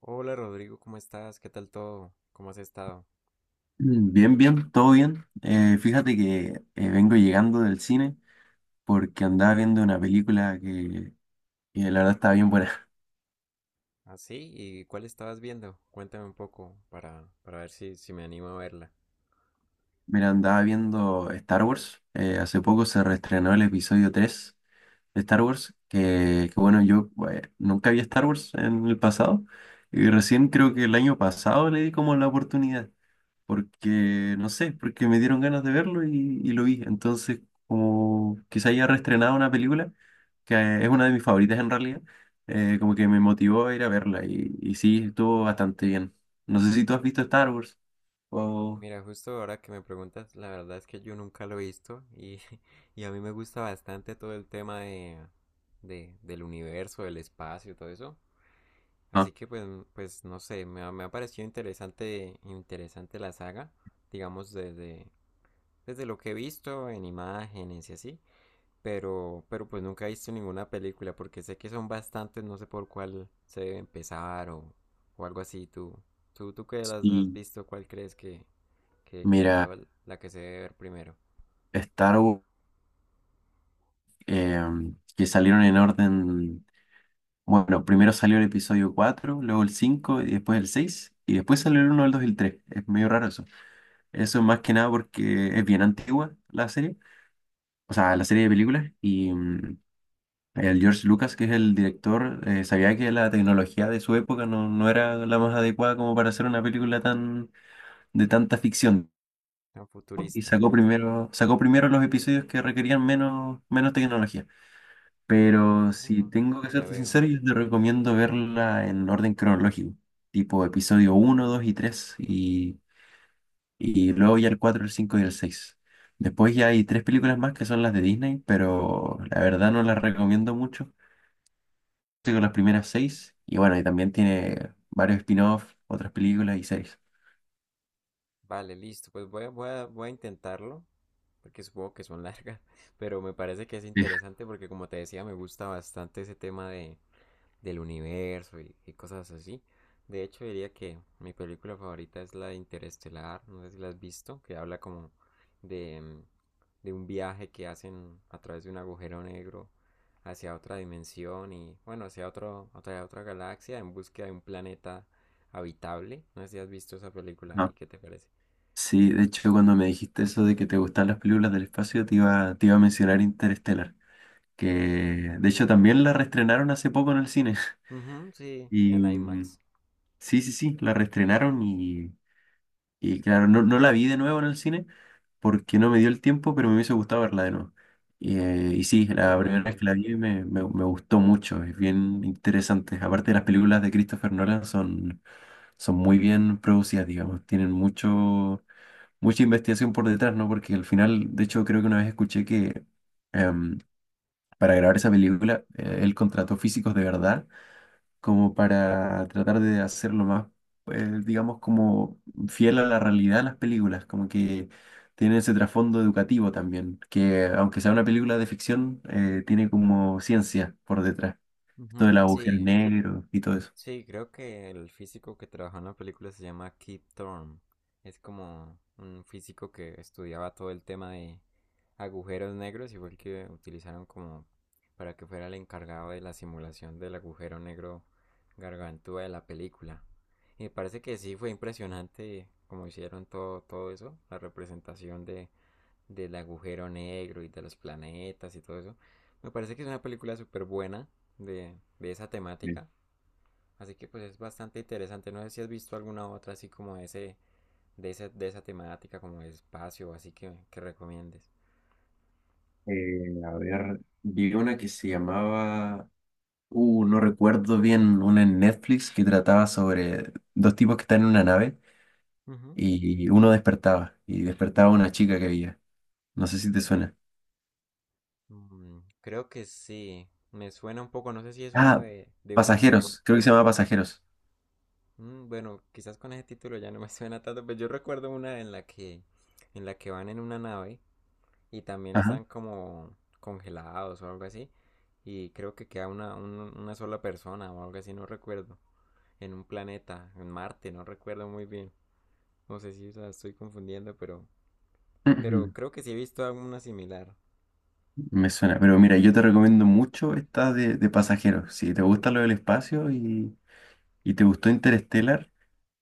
Hola Rodrigo, ¿cómo estás? ¿Qué tal todo? ¿Cómo has estado? Bien, bien, todo bien. Fíjate que vengo llegando del cine porque andaba viendo una película que la verdad estaba bien buena. ¿Ah, sí? ¿Y cuál estabas viendo? Cuéntame un poco para ver si me animo a verla. Mira, andaba viendo Star Wars. Hace poco se reestrenó el episodio 3. Star Wars, que bueno, yo nunca vi Star Wars en el pasado y recién creo que el año pasado le di como la oportunidad, porque no sé, porque me dieron ganas de verlo y lo vi. Entonces, como que se haya reestrenado una película, que es una de mis favoritas en realidad, como que me motivó a ir a verla y sí, estuvo bastante bien. No sé si tú has visto Star Wars o Mira, justo ahora que me preguntas, la verdad es que yo nunca lo he visto y, y a mí me gusta bastante todo el tema de, del universo, del espacio, todo eso. no. Así que pues, pues no sé, me ha parecido interesante, interesante la saga, digamos desde, desde lo que he visto en imágenes y así. Pero pues nunca he visto ninguna película porque sé que son bastantes, no sé por cuál se debe empezar o algo así. ¿Tú, tú que las has Sí, visto, cuál crees que es mira, la que se debe ver primero? Star Wars, que salieron en orden. Bueno, primero salió el episodio 4, luego el 5 y después el 6 y después salió el uno el 2 y el 3. Es medio raro eso. Eso es más que nada porque es bien antigua la serie, o sea, la serie de películas y el George Lucas, que es el director, sabía que la tecnología de su época no era la más adecuada como para hacer una película tan de tanta ficción Tan y futurista. sacó primero los episodios que requerían menos tecnología. Pero si Mm. tengo que Ya serte veo. sincero, yo te recomiendo verla en orden cronológico, tipo episodio uno 2 y 3 y luego ya el 4 el 5 y el seis. Después ya hay tres películas más que son las de Disney, pero la verdad no las recomiendo mucho. Estoy con las primeras seis, y bueno, y también tiene varios spin-offs, otras películas y series. Vale, listo. Pues voy a, voy a intentarlo porque supongo que son largas, pero me parece que es Sí, interesante porque como te decía, me gusta bastante ese tema de, del universo y cosas así. De hecho, diría que mi película favorita es la de Interestelar, no sé si la has visto, que habla como de, de un viaje que hacen a través de un agujero negro hacia otra dimensión y bueno, hacia otro, otra galaxia en búsqueda de un planeta habitable. No sé si has visto esa película ajá. y qué te parece. Sí, de hecho, cuando me dijiste eso de que te gustan las películas del espacio, te iba a mencionar Interstellar, que de hecho también la reestrenaron hace poco en el cine. Ujú, sí, Y en IMAX. sí, sí, sí, la reestrenaron y claro, no la vi de nuevo en el cine porque no me dio el tiempo, pero me hubiese gustado verla de nuevo. Y sí, la primera vez que la Igualmente. vi me gustó mucho, es bien interesante. Aparte, las películas de Christopher Nolan son muy bien producidas, digamos, tienen mucha investigación por detrás, ¿no? Porque al final, de hecho, creo que una vez escuché que em, para grabar esa película él contrató físicos de verdad como para tratar de hacerlo más, pues, digamos, como fiel a la realidad de las películas, como que tiene ese trasfondo educativo también, que aunque sea una película de ficción, tiene como ciencia por detrás, esto Ujú, del agujero sí. negro y todo eso. Sí, creo que el físico que trabajó en la película se llama Keith Thorne. Es como un físico que estudiaba todo el tema de agujeros negros y fue el que utilizaron como para que fuera el encargado de la simulación del agujero negro gargantúa de la película. Y me parece que sí fue impresionante como hicieron todo, todo eso, la representación de, del agujero negro y de los planetas y todo eso. Me parece que es una película súper buena de esa Sí. temática. Así que pues es bastante interesante. No sé si has visto alguna otra así como ese, de esa temática, como de espacio, así que recomiendes. A ver, vi una que se llamaba, no recuerdo bien, una en Netflix que trataba sobre dos tipos que están en una nave Ujú. y uno despertaba y despertaba una chica que había. No sé si te suena. Mm, creo que sí. Me suena un poco, no sé si es una Ah, de un, Pasajeros, creo que se llama Pasajeros. mm, bueno, quizás con ese título ya no me suena tanto, pero yo recuerdo una en la que van en una nave y también Ajá. están como congelados o algo así. Y creo que queda una, una sola persona o algo así, no recuerdo. En un planeta, en Marte, no recuerdo muy bien. No sé si la estoy confundiendo, pero Ujú. creo que sí he visto alguna similar. Me suena, pero mira, yo te recomiendo mucho esta de Pasajeros. Si te gusta lo del espacio y te gustó Interstellar,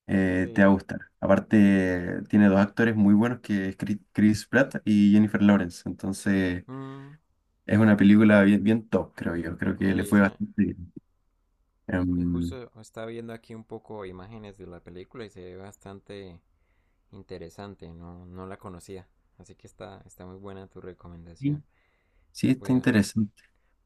te va a Sí. gustar. Aparte, tiene dos actores muy buenos que es Chris Pratt y Jennifer Lawrence. Entonces, Mm, es una película bien, bien top, creo yo. Creo que mira, le fue esa, bastante bien. y Em, justo estaba viendo aquí un poco imágenes de la película y se ve bastante interesante, no, no la conocía. Así que está, está muy buena tu recomendación. sí, sí, está Voy a, interesante.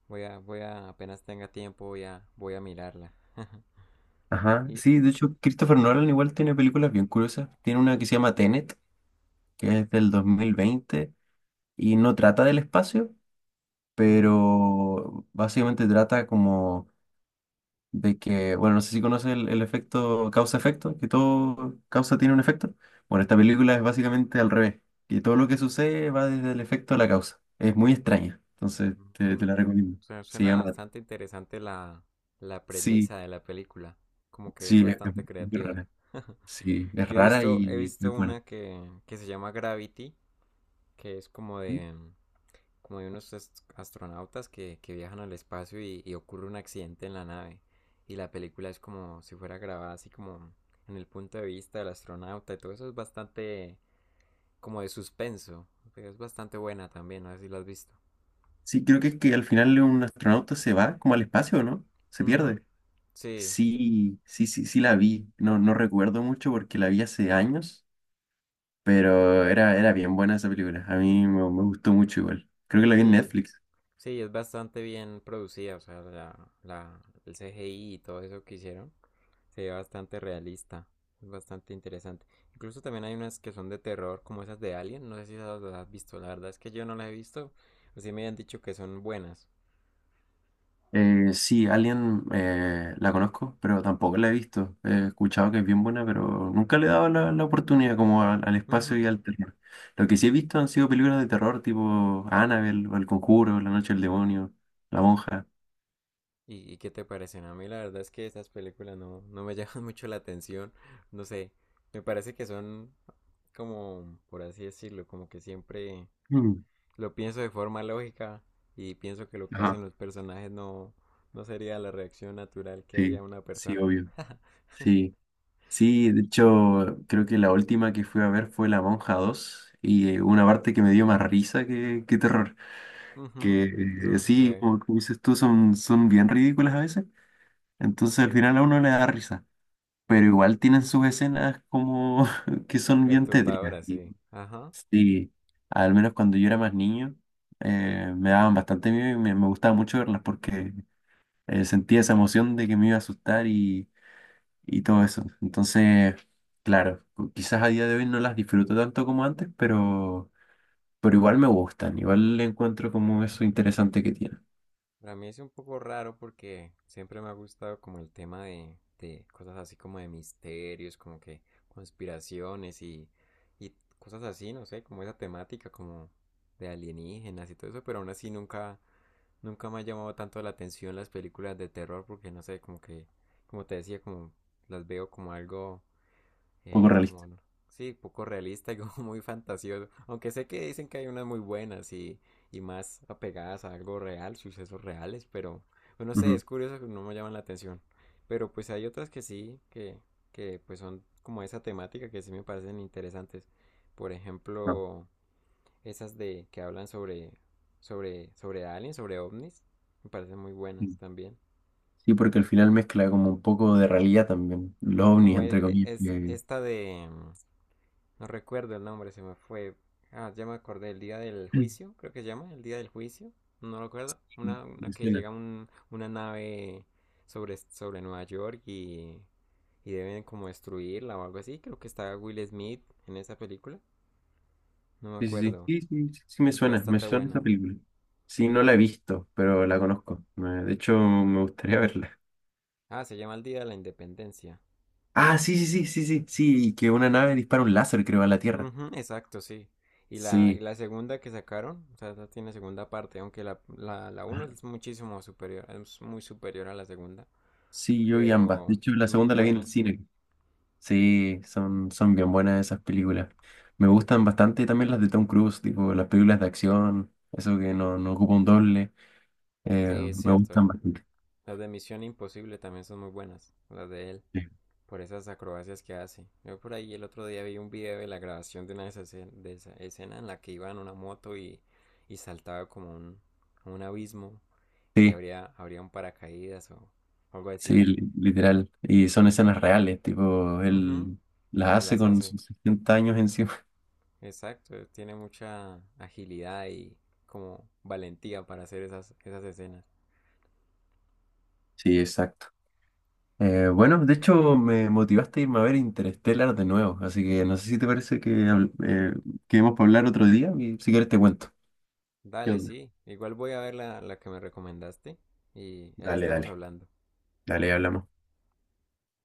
voy a, apenas tenga tiempo, voy a, voy a mirarla. Ajá. Y, Sí, de hecho, Christopher Nolan igual tiene películas bien curiosas. Tiene una que se llama Tenet, que es del 2020, y no trata del espacio, uh -huh. pero básicamente trata como de que, bueno, no sé si conoces el efecto causa-efecto, que todo causa tiene un efecto. Bueno, esta película es básicamente al revés, que todo lo que sucede va desde el efecto a la causa. Es muy extraña, entonces te Ujú. la recomiendo. Suena, Se suena llama, bastante interesante la, la sí, premisa de la película. Como que es sí, es bastante muy creativa. rara. Sí, es Yo rara he y muy visto buena. una que se llama Gravity, que es como de unos astronautas que viajan al espacio y ocurre un accidente en la nave. Y la película es como si fuera grabada así como en el punto de vista del astronauta y todo eso es bastante como de suspenso. Pero es bastante buena también, no sé si la has visto. Sí, creo que es que al final un astronauta se va como al espacio, ¿no? Se Ujú, pierde. sí. Sí, sí, sí, sí la vi. No, no recuerdo mucho porque la vi hace años, pero era bien buena esa película. A mí me gustó mucho igual. Creo que la vi en Sí, Netflix. sí, es bastante bien producida, o sea, la, el CGI y todo eso que hicieron se ve bastante realista, es bastante interesante. Incluso también hay unas que son de terror, como esas de Alien, no sé si las has visto, la verdad es que yo no las he visto, así me han dicho que son buenas. Sí, Alien, la conozco, pero tampoco la he visto. He escuchado que es bien buena, pero nunca le he dado la oportunidad como al espacio Ujú. y al terror. Lo que sí he visto han sido películas de terror tipo Annabelle, o El Conjuro, La Noche del Demonio, La Monja. Y qué te parecen? A mí la verdad es que esas películas no, no me llaman mucho la atención, no sé, me parece que son como, por así decirlo, como que siempre Mm, lo pienso de forma lógica y pienso que lo que hacen ajá, los personajes no, no sería la reacción natural que haría sí, una sí, persona. obvio. Sí. Sí, de hecho, creo que la última que fui a ver fue La Monja dos, y una parte que me dio más risa que terror. Ujú. Que Eso sí, sucede. como dices tú, son bien ridículas a veces. Entonces al final a uno le da risa. Pero igual tienen sus escenas como que son bien tétricas. Perturbadora, Y sí. Ajá. sí, al menos cuando yo era más niño, me daban bastante miedo y me gustaba mucho verlas porque sentía esa emoción de que me iba a asustar y todo eso. Entonces, claro, quizás a día de hoy no las disfruto tanto como antes, pero igual me gustan, igual le encuentro como eso interesante que tiene, un Para mí es un poco raro porque siempre me ha gustado como el tema de cosas así como de misterios, como que conspiraciones y cosas así, no sé, como esa temática como de alienígenas y todo eso, pero aún así nunca, nunca me ha llamado tanto la atención las películas de terror porque no sé, como que, como te decía, como las veo como algo poco realista. como, sí, poco realista y como muy fantasioso. Aunque sé que dicen que hay unas muy buenas y más apegadas a algo real, sucesos reales, pero pues, no sé, Ujú, es curioso que no me llaman la atención. Pero pues hay otras que sí, que pues son como esa temática que sí me parecen interesantes. Por no, ejemplo, esas de que hablan sobre sobre aliens, sobre ovnis, me parecen muy buenas sí, también. sí, porque al final mezcla como un poco de realidad también, los ovnis, Como e- entre e- comillas, es, que esta de no recuerdo el nombre, se me fue. Ah, ya me acordé, el día del que juicio, creo que se llama, el día del juicio, no lo recuerdo. Una me que suena. llega una nave sobre, sobre Nueva York y deben como destruirla o algo así. Creo que está Will Smith en esa película, no me Sí, sí, acuerdo. sí, sí, sí, sí, sí Es me bastante suena esta buena. película. Sí, no la he visto, pero la conozco. De hecho, me gustaría verla. Ah, se llama el Día de la Independencia. Ah, sí, sí, sí, sí, sí, sí, que una nave dispara un láser, creo, a la Tierra. Ujú, exacto, sí. Y Sí. la segunda que sacaron, o sea, no tiene segunda parte, aunque la, la uno es muchísimo superior, es muy superior a la segunda. Sí, yo y ambas. De Pero hecho, la muy segunda la vi en el buena. cine. Sí, son bien buenas esas películas. Me gustan bastante también las de Tom Cruise, tipo las películas de acción, eso que no ocupa un doble. Sí, eh, es me cierto. gustan bastante. Las de Misión Imposible también son muy buenas, las de él, Sí, por esas acrobacias que hace. Yo por ahí el otro día vi un video de la grabación de una de esas de esa escena en la que iba en una moto y saltaba como un abismo y sí, habría, habría un paracaídas o algo así. sí, literal. Y son escenas reales, tipo, Ujú, él las hace las con hace. sus 60 años encima. Exacto, tiene mucha agilidad y como valentía para hacer esas, esas escenas. Sí, exacto. Bueno, de hecho, me motivaste a irme a ver Interstellar de nuevo, así que no sé si te parece que, quedemos para hablar otro día, y si quieres te cuento. ¿Qué Dale, onda? sí. Igual voy a ver la, la que me recomendaste y ahí Dale, estamos dale, hablando. dale, hablamos.